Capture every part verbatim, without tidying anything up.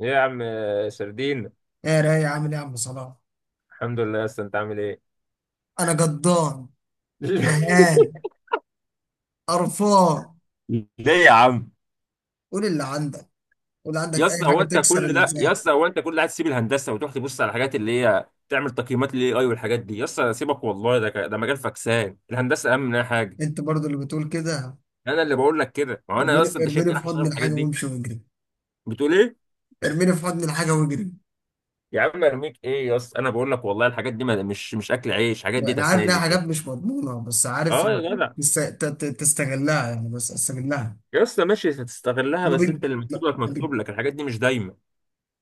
ايه يا عم سردين. ايه رايق؟ عامل ايه يا عم صلاح؟ الحمد لله يا اسطى، انت عامل ايه؟ انا جدان، زهقان، قرفان. ليه يا عم؟ قول اللي عندك. قول عندك يا اي اسطى حاجه هو انت تكسر كل ده، يا الزهق. اسطى هو انت كل ده هتسيب الهندسه وتروح تبص على الحاجات اللي هي تعمل تقييمات للاي اي والحاجات دي؟ يا اسطى سيبك والله، ده ك- ده مجال فكسان، الهندسه اهم منها حاجه. انت برضو اللي بتقول كده؟ انا اللي بقول لك كده، ما هو انا يا اسطى ارميني، انت شايفني ارميني في رايح اشتغل حضن في الحاجات الحاجه دي؟ وامشي واجري. بتقول ايه؟ ارميني في حضن الحاجه واجري. يا عم ارميك ايه يا اسطى، انا بقول لك والله الحاجات دي ما- مش مش اكل عيش، الحاجات دي انا عارف انها تسالي حاجات كده. مش مضمونه، بس عارف اه إن يا جدع. تست- ت- ت- تستغلها، يعني بس استغلها. يا اسطى ماشي هتستغلها، ما بس انت بيج... اللي مكتوب لا، لك ما بيج... مكتوب لك، الحاجات دي مش دايما.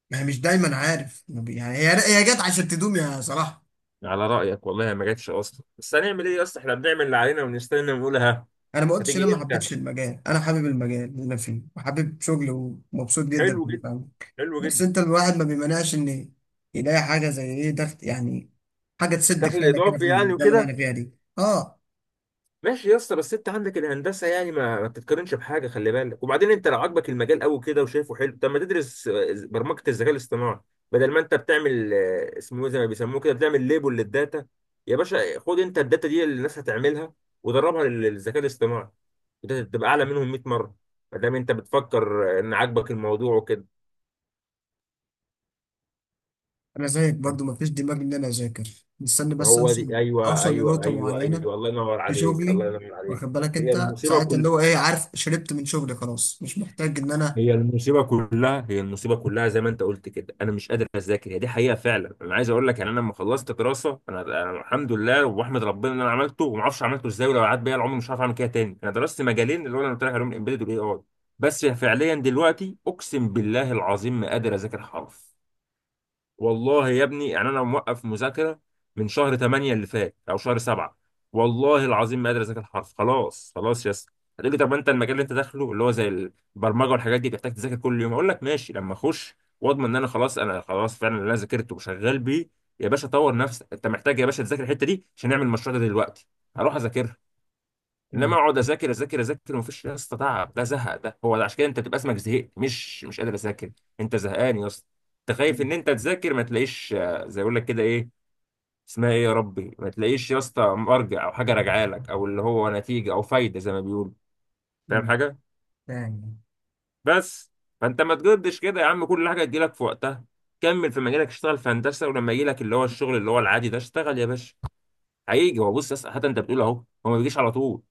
ما هي مش دايما، عارف، ما بي... يعني هي، هي جت عشان تدوم يا صلاح. على رأيك والله ما جاتش أصلا، بس هنعمل إيه يا اسطى؟ إحنا بنعمل اللي علينا ونستنى ونقول ها. انا ما قلتش إن هتيجي انا ما إمتى؟ حبيتش المجال، انا حابب المجال اللي انا فيه وحابب شغلي ومبسوط جدا في حلو اللي جدا. بعمله. حلو بس جدا. انت الواحد ما بيمنعش ان يلاقي حاجه زي ايه ضغط، يعني حاجه تسد دخل خانه كده إضافي في يعني الزمن اللي احنا وكده. فيها دي. اه، ماشي يا اسطى، بس انت عندك الهندسه يعني ما, ما بتتقارنش بحاجه، خلي بالك. وبعدين انت لو عاجبك المجال قوي كده وشايفه حلو، طب ما تدرس آه، برمجه الذكاء الاصطناعي. بدل ما انت بتعمل آه، اسمه إيه زي ما بيسموه كده، بتعمل ليبل للداتا. يا باشا خد انت الداتا دي اللي الناس هتعملها ودربها لل- للذكاء الاصطناعي، وده تبقى اعلى منهم ميت مره. ما دام انت بتفكر آه، ان عاجبك الموضوع وكده. انا زيك برضو ما فيش دماغ ان انا اذاكر، مستني بس هو اوصل دي، ايوه اوصل ايوه لنقطه ايوه معينه ايوه، الله ينور في عليك، شغلي. الله ينور عليك. واخد بالك هي انت المصيبه، ساعتها اللي هو ايه؟ عارف، شربت من شغلي، خلاص مش محتاج ان انا. هي المصيبه كلها، هي المصيبه كلها. زي ما انت قلت كده، انا مش قادر اذاكر، هي دي حقيقه فعلا. انا عايز اقول لك يعني، انا لما خلصت دراسه انا, أنا الحمد لله واحمد ربنا ان انا عملته، وما اعرفش عملته ازاي، ولو قعدت بيا العمر مش هعرف اعمل كده تاني. انا درست مجالين اللي هو انا قلت لك عليهم، الامبيدد والاي اي. بس فعليا دلوقتي اقسم بالله العظيم ما قادر اذاكر حرف، والله يا ابني. يعني انا موقف مذاكره من شهر تمانية اللي فات او شهر سبعة، والله العظيم ما قادر اذاكر حرف. خلاص خلاص يا اسطى. هتقول لي طب انت المجال اللي انت داخله اللي هو زي البرمجه والحاجات دي بتحتاج تذاكر كل يوم، اقول لك ماشي لما اخش واضمن ان انا خلاص، انا خلاص فعلا اللي انا ذاكرته وشغال بيه. يا باشا طور نفسك، انت محتاج يا باشا تذاكر الحته دي عشان نعمل المشروع ده دلوقتي، هروح اذاكرها. انما مم. اقعد اذاكر اذاكر اذاكر ومفيش يا اسطى، تعب ده، زهق ده، هو ده عشان كده انت بتبقى اسمك زهقت، مش مش قادر اذاكر. انت زهقان يا اسطى. انت خايف مم. ان انت تذاكر ما تلاقيش آه، زي يقول لك كده ايه اسمها، ايه يا ربي، ما تلاقيش يا اسطى مرجع او حاجه راجعه لك، او اللي هو نتيجه او فايده زي ما بيقولوا. فاهم مم. حاجه؟ فاهم. بس. فانت ما تجدش كده يا عم، كل حاجه تجيلك في وقتها. كمل في مجالك، اشتغل في هندسه، ولما يجيلك اللي هو الشغل اللي هو العادي ده اشتغل يا باشا. هيجي هو، بص يا اسطى، حتى انت بتقول اهو، هو ما بيجيش على طول،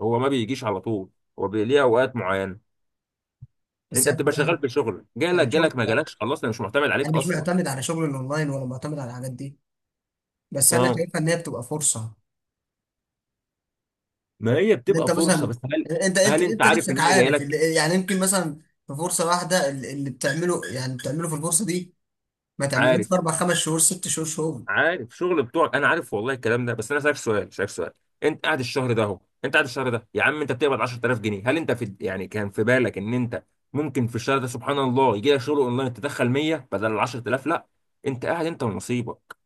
هو ما بيجيش على طول، هو بي- ليه اوقات معينه. بس انت يعني بتبقى شغال الواحد- بشغل، جالك يعني جالك، شغل، ما لا، جالكش خلاص انا مش معتمد انا عليك مش اصلا. معتمد على شغل الاونلاين ولا معتمد على الحاجات دي. بس انا اه، شايفها ان هي بتبقى فرصه. ما هي ان بتبقى انت فرصه مثلا، بس هل، انت انت هل انت انت عارف ان نفسك هي جايه عارف لك؟ اللي يعني يمكن مثلا في فرصه واحده، اللي اللي بتعمله، يعني بتعمله في الفرصه دي، ما تعملوش في عارف. اربع خمس شهور، ست شهور شغل. عارف شغل بتوعك، انا عارف والله الكلام ده، بس انا سالك سؤال، سالك سؤال. انت قاعد الشهر ده اهو، انت قاعد الشهر ده يا عم انت بتقبض عشرة آلاف جنيه، هل انت في يعني كان في بالك ان انت ممكن في الشهر ده سبحان الله يجي لك شغل اونلاين تدخل مية بدل ال عشرة آلاف؟ لا. انت قاعد انت ونصيبك،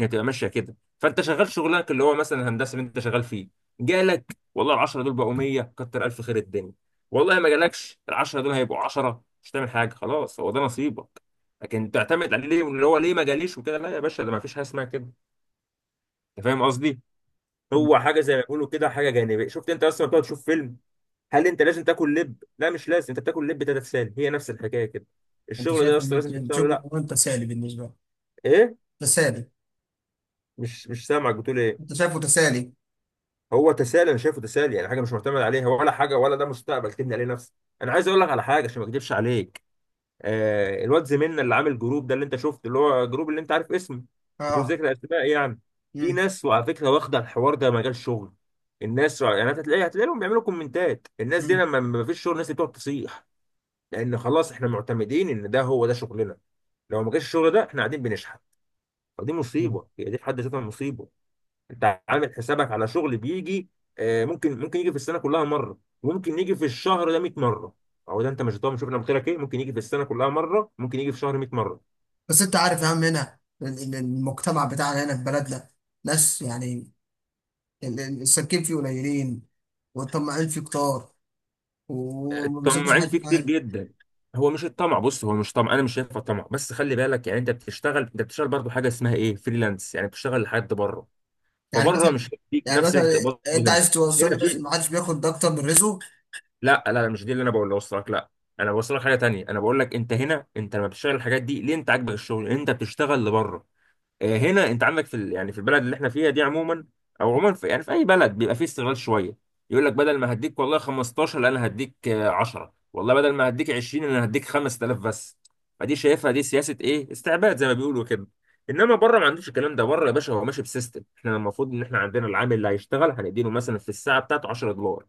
هي تبقى ماشيه كده، فانت شغال شغلك اللي هو مثلا الهندسه اللي انت شغال فيه، جالك والله ال عشرة دول بقوا مية، كتر الف خير الدنيا. والله ما جالكش ال عشرة دول هيبقوا عشرة، مش هتعمل حاجه خلاص هو ده نصيبك. لكن تعتمد عليه ليه؟ اللي هو ليه ما جاليش وكده، لا يا باشا ده ما فيش حاجه اسمها كده. انت فاهم قصدي؟ مم. هو حاجه زي ما بيقولوا كده حاجه جانبيه. شفت انت اصلا بتقعد تشوف فيلم، هل انت لازم تاكل لب؟ لا مش لازم، انت بتاكل لب تتسالى، هي نفس الحكايه كده. انت الشغل ده شايف ان اصلا لازم انت إنت تشتغله؟ شغل لا. مهم تسالي بالنسبه لك؟ ايه؟ تسالي؟ مش مش سامعك، بتقول ايه؟ انت شايفه تسالي؟ هو تسالي، انا شايفه تسالي يعني حاجه مش معتمد عليها ولا حاجه، ولا ده مستقبل تبني عليه نفسك. انا عايز اقول لك على حاجه عشان ما اكذبش عليك، آه، الواد زميلنا اللي عامل جروب ده اللي انت شفته، اللي هو جروب اللي انت عارف اسمه، بدون اه. ذكر اسماء يعني. في امم. ناس وعلى فكره واخده الحوار ده مجال شغل، الناس يعني أنت هتلاقي، هتلاقيهم بيعملوا كومنتات. الناس دي امم. لما ما فيش شغل الناس دي بتقعد تصيح، لان خلاص احنا معتمدين ان ده هو ده شغلنا، لو ما جاش الشغل ده احنا قاعدين بنشحت. فدي مم. مصيبه، هي دي في حد ذاتها مصيبه. انت عامل حسابك على شغل بيجي، آه، ممكن ممكن يجي في السنه كلها مره، وممكن يجي في الشهر ده ميت مره. او ده انت مش ضامن، شوف انا قلت لك ايه، ممكن يجي في السنه كلها مره، ممكن يجي في شهر ميت مره. بس انت عارف يا عم، هنا ال- ال- المجتمع بتاعنا هنا في بلدنا، ناس يعني ال- ال- السالكين فيه قليلين، والطماعين فيه كتار، وما بيسيبوش الطماعين فيه حد كتير حاله. جدا. هو مش الطمع، بص هو مش طمع، انا مش شايفه طمع، بس خلي بالك يعني، انت بتشتغل، انت بتشتغل برضه حاجه اسمها ايه، فريلانس، يعني بتشتغل لحد بره، يعني فبره مثلا، مش هيديك يعني نفس اللي مثلا انت تقبضه انت هنا. عايز توصل هنا لي، بس في، ما حدش بياخد ده اكتر من رزقه. لا لا مش دي اللي انا بقول لك، لا، انا بوصلك حاجه تانية، انا بقول لك انت هنا انت لما بتشتغل الحاجات دي ليه، انت عاجبك الشغل انت بتشتغل لبره. آه، هنا انت عندك في ال- يعني في البلد اللي احنا فيها دي عموما، او عموما في يعني في اي بلد بيبقى فيه استغلال شويه، يقول لك بدل ما هديك والله خمستاشر، لا انا هديك آه، عشرة، والله بدل ما هديك عشرين انا هديك خمس تلاف بس. فدي شايفها دي سياسه ايه، استعباد زي ما بيقولوا كده. انما بره ما عندوش الكلام ده، بره يا باشا هو ماشي بسيستم، احنا المفروض ان احنا عندنا العامل اللي هيشتغل هنديله مثلا في الساعه بتاعته عشرة دولار،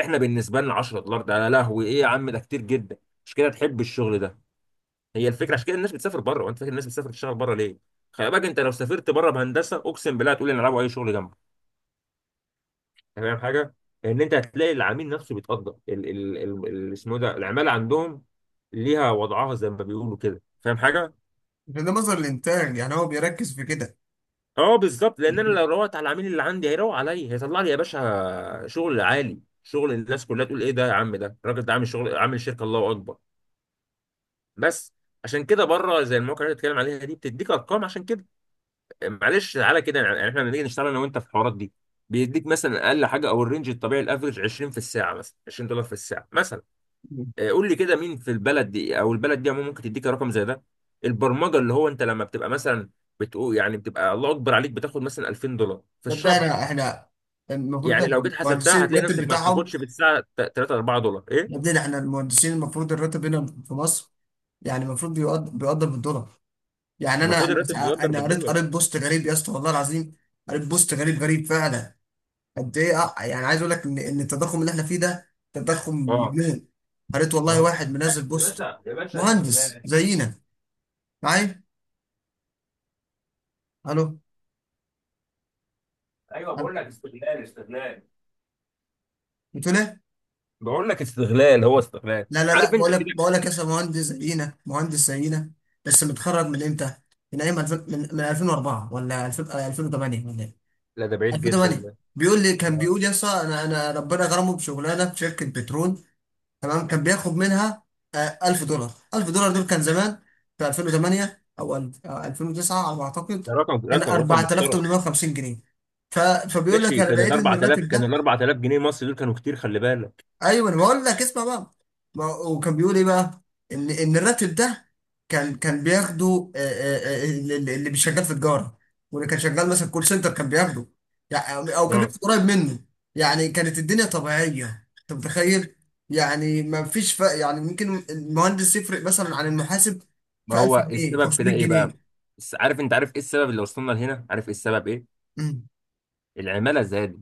احنا بالنسبه لنا عشرة دولار ده يا لهوي ايه يا عم، ده كتير جدا، مش كده؟ تحب الشغل. هي الفكره عشان كده الناس بتسافر بره. وانت فاكر الناس بتسافر تشتغل بره ليه؟ خلي بالك انت لو سافرت بره بهندسه اقسم بالله هتقول ان العبوا اي شغل جنبه. أنت فاهم حاجه؟ لان انت هتلاقي العميل نفسه بيتقدر ال ال ال ال- اسمه إيه ده، العماله عندهم ليها وضعها زي ما بيقولوا كده. فاهم حاجه؟ عشان ده مصدر الانتاج، يعني هو بيركز في كده. اه بالظبط، لان انا لو روقت على العميل اللي عندي هيروق عليا، هيطلع لي يا باشا شغل عالي، شغل الناس كلها تقول ايه ده يا عم، ده الراجل ده عامل شغل، عامل شركه، الله اكبر. بس عشان كده بره زي المواقع اللي أنت بتتكلم عليها دي بتديك ارقام عشان كده. معلش تعالى كده يعني، يعني احنا لما نيجي نشتغل انا وانت في الحوارات دي، بيديك مثلا اقل حاجه او الرينج الطبيعي الافرج عشرين في الساعه مثلا، عشرين دولار في الساعه مثلا، آه، قول لي كده مين في البلد دي او البلد دي عموما ممكن تديك رقم زي ده؟ البرمجه اللي هو انت لما بتبقى مثلا بتقول يعني بتبقى الله اكبر عليك، بتاخد مثلا ألفين دولار في طب ده الشهر، احنا احنا المفروض، ده يعني لو جيت حسبتها المهندسين هتلاقي الراتب نفسك ما بتاعهم. بتاخدش في الساعه تلاتة اربعة دولار. ايه؟ يا ابني احنا المهندسين المفروض الراتب هنا في مصر، يعني المفروض بيقدر بيقدر بالدولار. يعني انا المفروض انا الراتب سع- بيقدر انا قريت بالدولار. قريت بوست غريب يا اسطى، والله العظيم. قريت بوست غريب، غريب فعلا. قد ايه، اه، يعني عايز اقول لك ان ان التضخم اللي احنا فيه ده تضخم اه. مجنون. قريت والله آه. واحد منزل يا بوست باشا يا باشا، مهندس استغلال. زينا، معايا. الو ايوه ألو؟ بقول لك استغلال، استغلال. بتقول ايه؟ بقول لك استغلال، هو استغلال. لا، لا، لا، عارف انت بقول لك، كده. بقول لك يا أستاذ مهندس زينا، مهندس زينا بس متخرج من امتى؟ من ايام ألفين، من من الفين واربعة ولا ألفين، آه، ألفين وتمانيه ولا إيه؟ لا ده بعيد جدا الفين وتمانية، ده. بيقول لي، كان آه. بيقول: يا اسطى، انا انا ربنا غرمه بشغلانه في شركه بترول. تمام، كان بياخد منها آه، ألف دولار. ألف دولار دول كان زمان، في الفين وتمانية او ألف- آه، الفين وتسعة على ما اعتقد. ده رقم كان رقم رقم محترم. اربعتلاف وتمنميه وخمسين جنيه. ف... فبيقول لك: ماشي انا كان ال لقيت ان اربعة تلاف، الراتب، كان ال اربعة تلاف جنيه مصري دول كانوا كتير، خلي بالك. ايوه انا بقول لك، اسمع بقى. ما هو- وكان بيقول ايه بقى؟ ان ان الراتب ده كان كان بياخده، آه، آه، آه، اللي اللي مش شغال في تجاره، واللي كان شغال مثلا كول سنتر كان بياخده، يعني، او كان آه. بياخد قريب منه. يعني كانت الدنيا طبيعيه، انت متخيل؟ يعني ما فيش فرق، يعني ممكن المهندس يفرق مثلا عن المحاسب ما في هو 1000 إيه جنيه السبب في ده 500 ايه بقى؟ جنيه بس عارف، انت عارف ايه السبب اللي وصلنا لهنا؟ عارف ايه السبب ايه؟ مم. العماله زادت.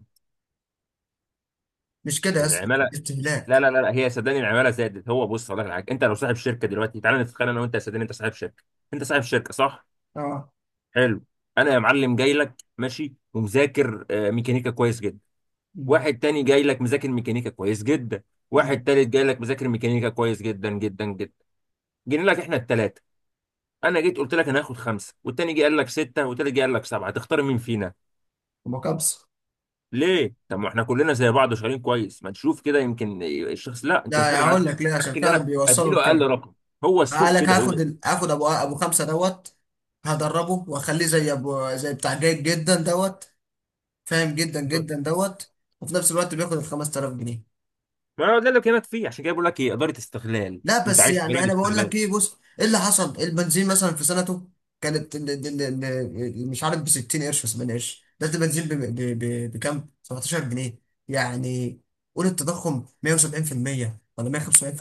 مش كده يا اسطى. العماله. استهلاك. لا لا لا لا، هي صدقني العماله زادت. هو بص اقول لك على حاجه، انت لو صاحب شركه دلوقتي، تعالى نتخيل انا وانت، يا صدقني انت صاحب شركه، انت صاحب شركه صح؟ اه. حلو. انا يا معلم جاي لك ماشي ومذاكر آه، ميكانيكا كويس جدا، مم. واحد تاني جاي لك مذاكر ميكانيكا كويس جدا، واحد مم. تالت جاي لك مذاكر ميكانيكا كويس جدا جدا جدا. جينا لك احنا التلاتة، انا جيت قلت لك انا هاخد خمسة، والتاني جه قال لك ستة، والتالت جه قال لك سبعة، تختار مين فينا؟ ومكابس. ليه؟ طب ما احنا كلنا زي بعض وشغالين كويس. ما تشوف كده يمكن الشخص، لا انت مش لا، فارق معاك، هقول لك ليه، فارق معاك عشان ان فعلا انا بيوصلوا اديله اقل لكده. رقم. هو قال السوق لك: كده هاخد هو. ال- هاخد ابو، ابو خمسه دوت، هدربه واخليه زي ابو، زي بتاع جيد جدا دوت، فاهم جدا جدا دوت، وفي نفس الوقت بياخد ال خمسة الاف جنيه. ما هو ده اللي بكلمك فيه، عشان كده بقول لك ايه، اداره استغلال، لا، انت بس عايش في يعني بلد انا بقول استغلال. لك ايه؟ بص ايه اللي حصل إيه؟ البنزين مثلا في سنته كانت ال- ال- ال- ال- مش عارف، ب ستين قرش و سبعين قرش. ده البنزين ب- ب- ب- بكام؟ سبعتاشر جنيه. يعني قول التضخم مائة وسبعين في المئة ولا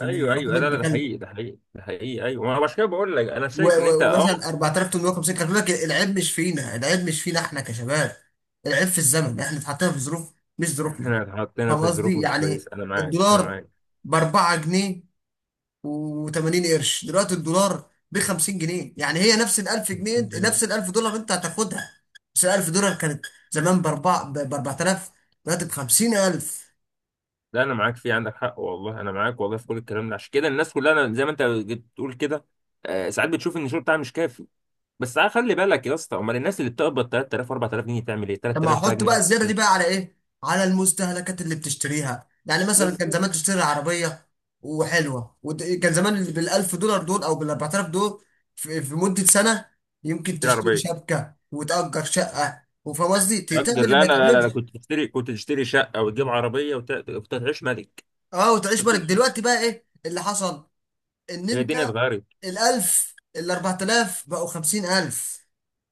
ايوه رقم ايوه، لا لا ابن ده كلب. حقيقي، ده حقيقي ده حقيقي، ايوه ما هو عشان كده بقول لك، انا و- شايف ان انت و- اه. ومثلا اربعتلاف وتمنميه وخمسين، كان بيقول لك: العيب مش فينا، العيب مش فينا، احنا كشباب، العيب في الزمن، احنا اتحطينا في ظروف، مش ظروفنا. احنا اتحطينا فاهم في ظروف قصدي؟ مش يعني كويسه، انا معاك انا الدولار معاك. ب اربع جنيه و80 قرش، دلوقتي الدولار ب خمسين جنيه، يعني هي نفس ال ألف جنيه، جميل. نفس ال ألف دولار انت هتاخدها. بس ال ألف دولار كانت زمان ب اربع، ب اربعتلاف، دلوقتي ب خمسين ألف. لا انا معاك، في عندك حق والله، انا معاك والله في كل الكلام ده، عشان كده الناس كلها، أنا زي ما انت بتقول كده، آه، ساعات بتشوف ان الشغل بتاعها مش كافي، بس عا- خلي بالك يا اسطى، امال الناس اللي بتقبض تلات تلاف و4000 جنيه تعمل ايه؟ طب ما تلات تلاف بقى احط بقى جنيه. الزياده دي بقى على ايه؟ على المستهلكات اللي بتشتريها. يعني مثلا كان بالظبط. زمان تشتري عربيه وحلوه، وكان زمان بالألف دولار دول او بالأربعة آلاف دول، في, في مده سنه، يمكن تشتري تشتري عربيه. شبكه وتأجر شقه، وفاهم قصدي، ت- تعمل اقدر، اللي لا ما لا لا, لا. تعملش. كنت تشتري، كنت تشتري شقه وتجيب عربيه وت... كنت هتعيش ملك. اه، وتعيش. بالك دلوقتي بقى ايه اللي حصل، ان هي انت الدنيا اتغيرت. الألف الأربعة آلاف بقوا خمسين ألف.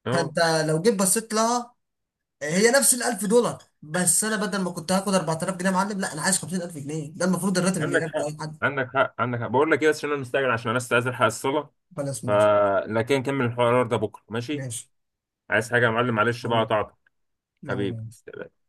اه. فانت لو جيت بصيت لها، هي نفس ال ألف دولار، بس انا بدل ما كنت هاخد اربعتلاف جنيه يا معلم، لا انا عايز خمسين ألف جنيه. ده المفروض الراتب اللي عندك ياخده حق، اي حد. عندك حق، عندك حق. بقول لك ايه، بس عشان انا مستعجل عشان انا استاذن الحق الصلاه، بلا اسمه، ماشي. فلكن نكمل الحوار ده بكره ماشي؟ ماشي. عايز حاجه يا معلم؟ معلش بقى حبيبي. قطعتك. لا، لا، لا. حبيبي.